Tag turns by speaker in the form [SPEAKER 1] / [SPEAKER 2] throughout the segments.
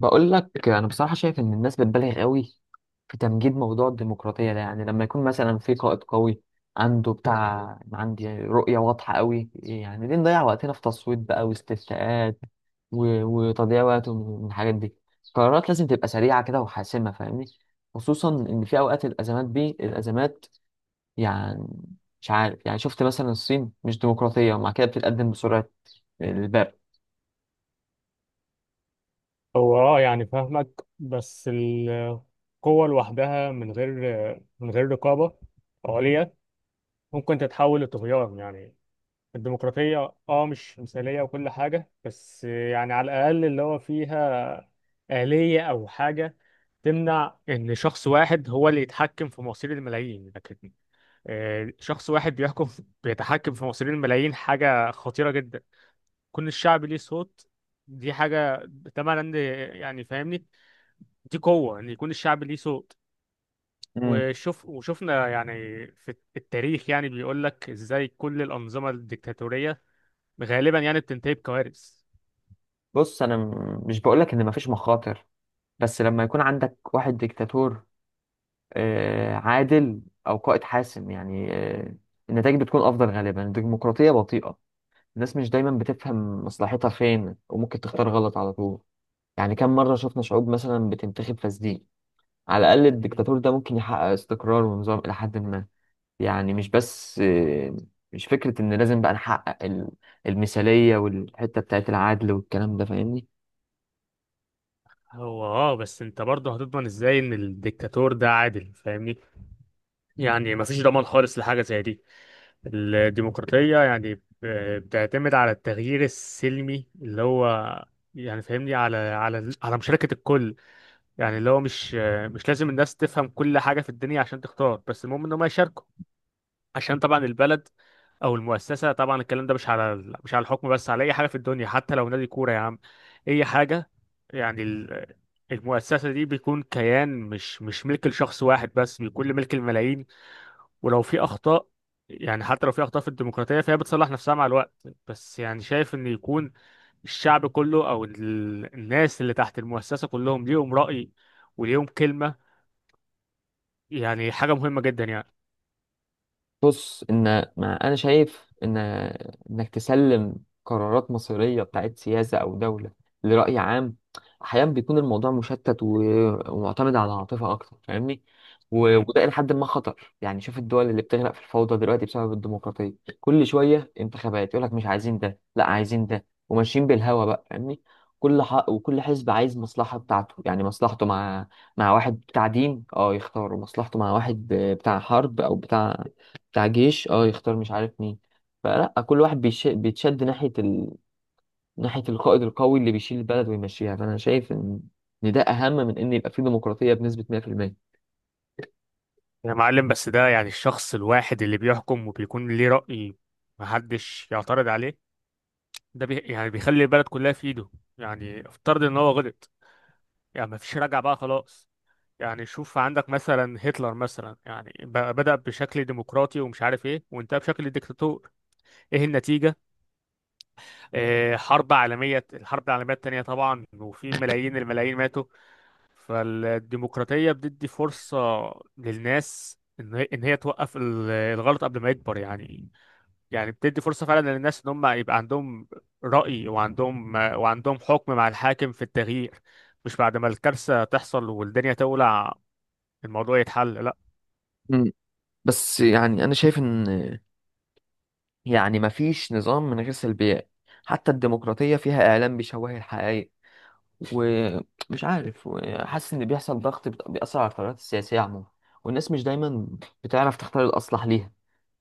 [SPEAKER 1] بقول لك انا بصراحه شايف ان الناس بتبالغ قوي في تمجيد موضوع الديمقراطيه ده. لما يكون مثلا في قائد قوي عنده عندي رؤيه واضحه قوي، ليه نضيع وقتنا في تصويت بقى واستفتاءات و- وتضييع وقت من الحاجات دي. القرارات لازم تبقى سريعه كده وحاسمه، فاهمني؟ خصوصا ان في اوقات الازمات دي الازمات. يعني مش عارف، شفت مثلا الصين مش ديمقراطيه ومع كده بتتقدم بسرعه البرق.
[SPEAKER 2] هو يعني فاهمك. بس القوة لوحدها من غير رقابة عليا ممكن تتحول لطغيان يعني. الديمقراطية مش مثالية وكل حاجة، بس يعني على الأقل اللي هو فيها آلية أو حاجة تمنع إن شخص واحد هو اللي يتحكم في مصير الملايين، لكن شخص واحد بيتحكم في مصير الملايين حاجة خطيرة جدا. كون الشعب ليه صوت دي حاجة تمام عندي يعني فاهمني، دي قوة إن يكون الشعب ليه صوت.
[SPEAKER 1] مم.
[SPEAKER 2] وشفنا يعني في التاريخ، يعني بيقول لك إزاي كل الأنظمة الديكتاتورية غالبا يعني بتنتهي بكوارث.
[SPEAKER 1] بص انا مش بقولك ان مفيش مخاطر، بس لما يكون عندك واحد ديكتاتور آه، عادل أو قائد حاسم، النتائج بتكون أفضل غالبا. الديمقراطية بطيئة، الناس مش دايما بتفهم مصلحتها فين وممكن تختار غلط على طول. كم مرة شفنا شعوب مثلا بتنتخب فاسدين؟ على الأقل
[SPEAKER 2] مم.
[SPEAKER 1] الديكتاتور ده ممكن يحقق استقرار ونظام إلى حد ما. يعني مش بس آه، مش فكرة إن لازم بقى نحقق المثالية والحتة بتاعت العدل والكلام ده، فاهمني؟
[SPEAKER 2] هو بس انت برضه هتضمن ازاي ان الديكتاتور ده عادل؟ فاهمني، يعني مفيش ضمان خالص لحاجة زي دي. الديمقراطية يعني بتعتمد على التغيير السلمي، اللي هو يعني فاهمني، على مشاركة الكل. يعني اللي هو مش لازم الناس تفهم كل حاجة في الدنيا عشان تختار، بس المهم ان هم يشاركوا، عشان طبعا البلد او المؤسسه. طبعا الكلام ده مش على الحكم بس، على اي حاجه في الدنيا حتى لو نادي كوره يا عم. اي حاجه، يعني المؤسسه دي بيكون كيان، مش ملك لشخص واحد بس، بيكون ملك الملايين. ولو في اخطاء، يعني حتى لو في اخطاء في الديمقراطيه، فهي بتصلح نفسها مع الوقت. بس يعني شايف ان يكون الشعب كله او الناس اللي تحت المؤسسه كلهم ليهم راي وليهم كلمه، يعني حاجه مهمه جدا يعني.
[SPEAKER 1] بص ان ما انا شايف ان انك تسلم قرارات مصيريه بتاعت سياسه او دوله لراي عام، احيانا بيكون الموضوع مشتت ومعتمد على العاطفه اكتر، فاهمني؟ وده الى حد ما خطر. شوف الدول اللي بتغرق في الفوضى دلوقتي بسبب الديمقراطيه. كل شويه انتخابات يقول لك مش عايزين ده، لا عايزين ده، وماشيين بالهوا بقى، فاهمني؟ كل حق وكل حزب عايز مصلحه بتاعته. مصلحته مع واحد بتاع دين اه يختاروا، مصلحته مع واحد بتاع حرب او بتاع جيش اه يختار مش عارف مين. فلا كل واحد بيتشد ناحية القائد القوي اللي بيشيل البلد ويمشيها. فأنا شايف إن ده أهم من إن يبقى فيه ديمقراطية بنسبة 100%.
[SPEAKER 2] يا معلم، بس ده يعني الشخص الواحد اللي بيحكم وبيكون ليه رأي محدش يعترض عليه، ده يعني بيخلي البلد كلها في ايده. يعني افترض ان هو غلط، يعني مفيش رجعة بقى خلاص. يعني شوف عندك مثلا هتلر مثلا، يعني بدأ بشكل ديمقراطي ومش عارف ايه، وانتهى بشكل ديكتاتور. ايه النتيجة؟ حرب عالمية، الحرب العالمية التانية طبعا، وفي ملايين الملايين ماتوا. فالديمقراطية بتدي فرصة للناس ان هي إن هي توقف الغلط قبل ما يكبر يعني. يعني بتدي فرصة فعلا للناس ان هم يبقى عندهم رأي، وعندهم حكم مع الحاكم في التغيير، مش بعد ما الكارثة تحصل والدنيا تولع الموضوع يتحل، لا.
[SPEAKER 1] مم. بس أنا شايف إن مفيش نظام من غير سلبيات. حتى الديمقراطية فيها إعلام بيشوه الحقائق، ومش عارف، وحاسس إن بيحصل ضغط بيأثر على القرارات السياسية عموما. والناس مش دايما بتعرف تختار الأصلح ليها،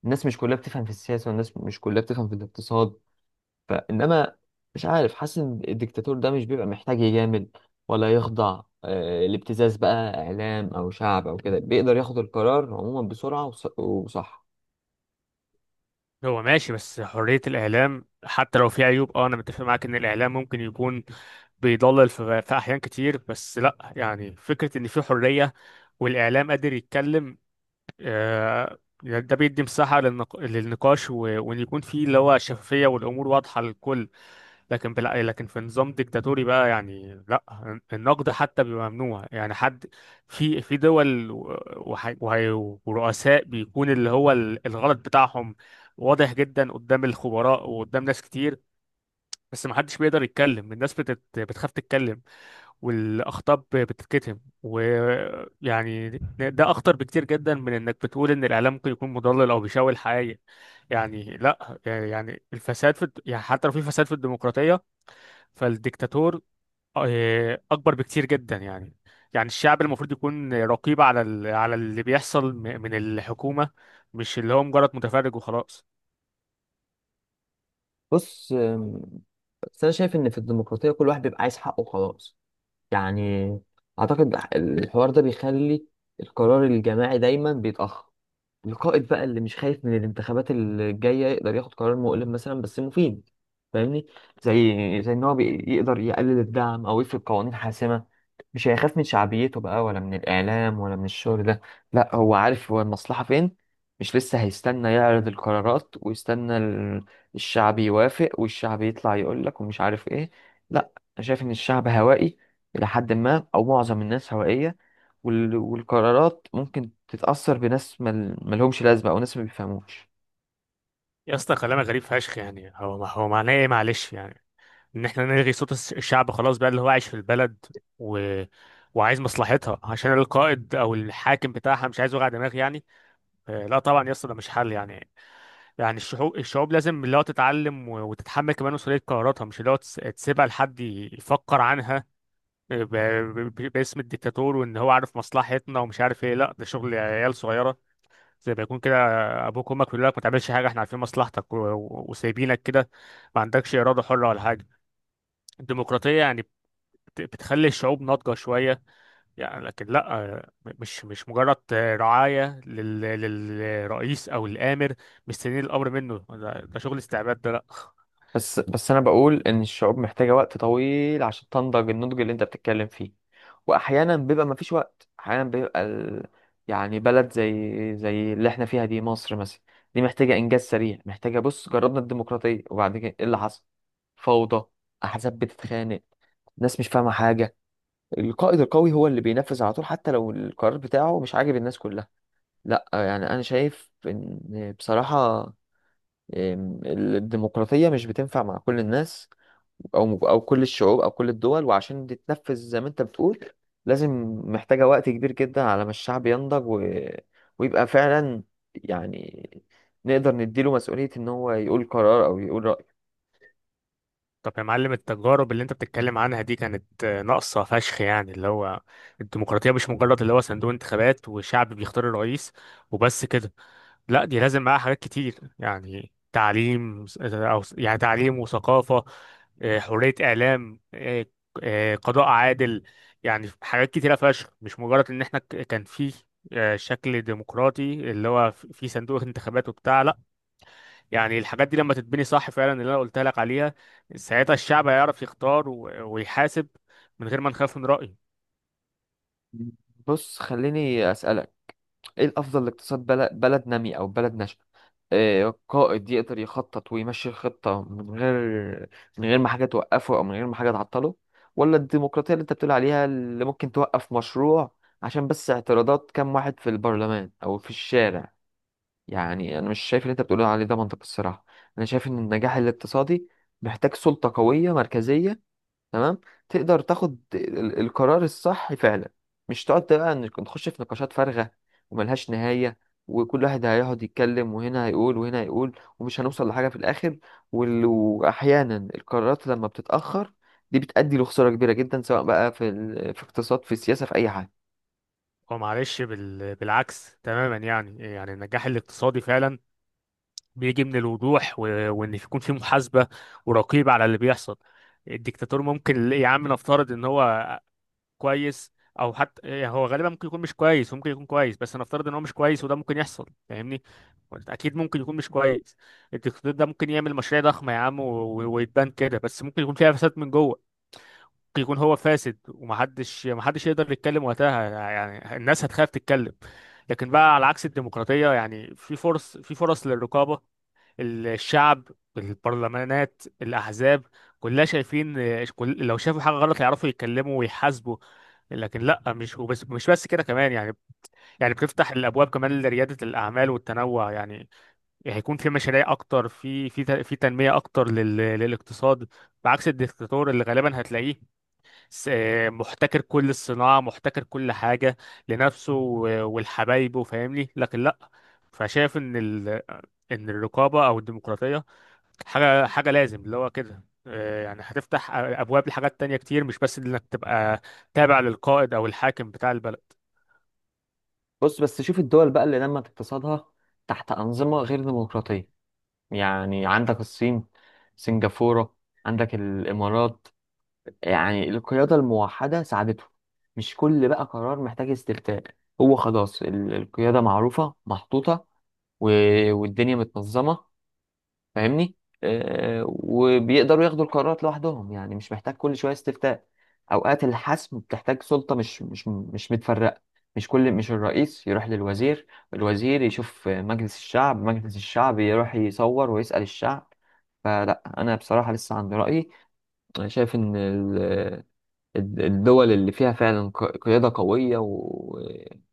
[SPEAKER 1] الناس مش كلها بتفهم في السياسة والناس مش كلها بتفهم في الاقتصاد. فانما مش عارف، حاسس ان الدكتاتور ده مش بيبقى محتاج يجامل ولا يخضع آه، لابتزاز بقى اعلام او شعب او كده، بيقدر ياخد القرار عموما بسرعه وصح.
[SPEAKER 2] هو ماشي، بس حرية الإعلام حتى لو في عيوب أنا متفق معاك إن الإعلام ممكن يكون بيضلل في أحيان كتير، بس لا يعني فكرة إن في حرية والإعلام قادر يتكلم، ده بيدي مساحة للنقاش وإن يكون في اللي هو شفافية والأمور واضحة للكل. لكن في نظام ديكتاتوري بقى، يعني لا النقد حتى بيبقى ممنوع، يعني حد في دول وح- وهي- ورؤساء بيكون اللي هو الغلط بتاعهم واضح جدا قدام الخبراء وقدام ناس كتير، بس ما حدش بيقدر يتكلم، الناس بتخاف تتكلم، والاخطاء بتتكتم، ويعني ده اخطر بكتير جدا من انك بتقول ان الاعلام ممكن يكون مضلل او بيشوه الحقائق. يعني لا، يعني الفساد في يعني حتى لو في فساد في الديمقراطية، فالديكتاتور اكبر بكتير جدا يعني. يعني الشعب المفروض يكون رقيب على اللي بيحصل من الحكومه، مش اللي هو مجرد متفرج وخلاص.
[SPEAKER 1] بص آم، بس انا شايف ان في الديمقراطيه كل واحد بيبقى عايز حقه خلاص. يعني اعتقد الحوار ده بيخلي القرار الجماعي دايما بيتاخر. القائد بقى اللي مش خايف من الانتخابات الجاية يقدر ياخد قرار مؤلم مثلا بس مفيد، فاهمني؟ زي ان هو يقدر يقلل الدعم او يفرض قوانين حاسمة. مش هيخاف من شعبيته بقى، ولا من الإعلام، ولا من الشغل ده. لا، هو عارف هو المصلحة فين. مش لسه هيستنى يعرض القرارات ويستنى الشعب يوافق والشعب يطلع يقول لك ومش عارف ايه. لا، انا شايف ان الشعب هوائي الى حد ما، او معظم الناس هوائية. وال- والقرارات ممكن تتأثر بناس ملهمش لازمة او ناس ما بيفهموش.
[SPEAKER 2] يا اسطى كلامك غريب فشخ، يعني هو معناه ايه معلش؟ يعني ان احنا نلغي صوت الشعب خلاص بقى، اللي هو عايش في البلد و... وعايز مصلحتها، عشان القائد او الحاكم بتاعها مش عايز وجع دماغ يعني؟ لا طبعا يا اسطى، ده مش حل يعني. يعني الشعوب لازم اللي هو تتعلم وتتحمل كمان مسؤولية قراراتها، مش اللي هو تسيبها لحد يفكر عنها باسم الديكتاتور، وان هو عارف مصلحتنا ومش عارف ايه. لا ده شغل عيال صغيرة، زي ما يكون كده ابوك وامك بيقول لك ما تعملش حاجة، احنا عارفين مصلحتك وسايبينك كده، ما عندكش إرادة حرة ولا حاجة. الديمقراطية يعني بتخلي الشعوب ناضجة شوية يعني، لكن لا مش مجرد رعاية للرئيس أو الآمر، مستنيين الأمر منه، ده شغل استعباد ده، لا.
[SPEAKER 1] بس انا بقول ان الشعوب محتاجه وقت طويل عشان تنضج النضج اللي انت بتتكلم فيه. واحيانا بيبقى مفيش وقت، احيانا بيبقى ال... يعني بلد زي اللي احنا فيها دي، مصر مثلا، دي محتاجه انجاز سريع. محتاجه، بص جربنا الديمقراطيه وبعد كده ايه اللي حصل؟ فوضى، احزاب بتتخانق، ناس مش فاهمه حاجه. القائد القوي هو اللي بينفذ على طول حتى لو القرار بتاعه مش عاجب الناس كلها. لا انا شايف ان بصراحه إم، الديمقراطيه مش بتنفع مع كل الناس او كل الشعوب او كل الدول. وعشان تتنفذ زي ما انت بتقول، لازم، محتاجة وقت كبير جدا على ما الشعب ينضج و... ويبقى فعلا يعني نقدر نديله مسؤولية ان هو يقول قرار او يقول رأي.
[SPEAKER 2] طب يا معلم التجارب اللي أنت بتتكلم عنها دي كانت ناقصة فشخ، يعني اللي هو الديمقراطية مش مجرد اللي هو صندوق انتخابات وشعب بيختار الرئيس وبس كده، لا. دي لازم معاها حاجات كتير، يعني تعليم س- او س- يعني تعليم وثقافة، حرية اعلام، قضاء عادل، يعني حاجات كتيرة فشخ، مش مجرد ان احنا كان في شكل ديمقراطي اللي هو في صندوق انتخابات وبتاع، لا. يعني الحاجات دي لما تتبني صح فعلا اللي انا قلت لك عليها، ساعتها الشعب هيعرف يختار ويحاسب من غير ما نخاف من رأيه.
[SPEAKER 1] بص خليني اسألك، ايه الافضل لاقتصاد بلد، بلد نامي او بلد ناشئه؟ آه، قائد يقدر يخطط ويمشي الخطه من غير ما حاجه توقفه او من غير ما حاجه تعطله، ولا الديمقراطيه اللي انت بتقول عليها اللي ممكن توقف مشروع عشان بس اعتراضات كام واحد في البرلمان او في الشارع؟ انا مش شايف اللي انت بتقول عليه ده منطق الصراحه. انا شايف ان النجاح الاقتصادي محتاج سلطه قويه مركزيه، تمام، تقدر تاخد القرار الصح فعلا. مش تقعد بقى إنك نخش في نقاشات فارغة وملهاش نهاية، وكل واحد هيقعد يتكلم وهنا هيقول وهنا هيقول، ومش هنوصل لحاجة في الآخر. وال- وأحيانا القرارات لما بتتأخر دي بتؤدي لخسارة كبيرة جدا، سواء بقى في اقتصاد في السياسة في أي حاجة.
[SPEAKER 2] هو معلش بالعكس تماما يعني. يعني النجاح الاقتصادي فعلا بيجي من الوضوح وان يكون في محاسبه ورقيب على اللي بيحصل. الدكتاتور ممكن يا عم نفترض ان هو كويس، او حتى يعني هو غالبا ممكن يكون مش كويس، وممكن يكون كويس بس هنفترض ان هو مش كويس، وده ممكن يحصل فاهمني، اكيد ممكن يكون مش كويس. الدكتاتور ده ممكن يعمل مشاريع ضخمه يا عم ويتبان كده، بس ممكن يكون فيها فساد من جوه. ممكن يكون هو فاسد، ومحدش محدش يقدر يتكلم وقتها، يعني الناس هتخاف تتكلم. لكن بقى على عكس الديمقراطية، يعني في فرص للرقابة، الشعب، البرلمانات، الأحزاب، كلها شايفين، كل لو شافوا حاجة غلط يعرفوا يتكلموا ويحاسبوا. لكن لا مش بس كده كمان، يعني يعني بتفتح الابواب كمان لرياده الاعمال والتنوع يعني. يعني هيكون في مشاريع اكتر، في تنميه اكتر للاقتصاد، بعكس الدكتاتور اللي غالبا هتلاقيه س- محتكر كل الصناعه، محتكر كل حاجه لنفسه والحبايبه فاهمني. لكن لا، فشايف ان الرقابه او الديمقراطيه حاجة حاجة لازم اللي هو كده، يعني هتفتح أبواب لحاجات تانية كتير، مش بس إنك تبقى تابع للقائد أو الحاكم بتاع البلد.
[SPEAKER 1] بص بس شوف الدول بقى اللي نمت اقتصادها تحت أنظمة غير ديمقراطية. عندك الصين، سنغافورة، عندك الإمارات. القيادة الموحدة ساعدته، مش كل بقى قرار محتاج استفتاء. هو خلاص القيادة معروفة محطوطة و- والدنيا متنظمة، فاهمني؟ آه، وبيقدروا ياخدوا القرارات لوحدهم، مش محتاج كل شوية استفتاء. أوقات الحسم بتحتاج سلطة مش متفرقة. مش كل مش الرئيس يروح للوزير، الوزير يشوف مجلس الشعب، مجلس الشعب يروح يصور ويسأل الشعب. فلا أنا بصراحة لسه عندي رأيي. أنا شايف إن الدول اللي فيها فعلا قيادة قوية و-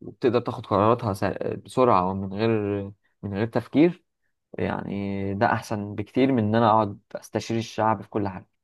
[SPEAKER 1] وبتقدر تاخد قراراتها بسرعة ومن غير من غير تفكير، ده أحسن بكتير من إن أنا أقعد أستشير الشعب في كل حاجة.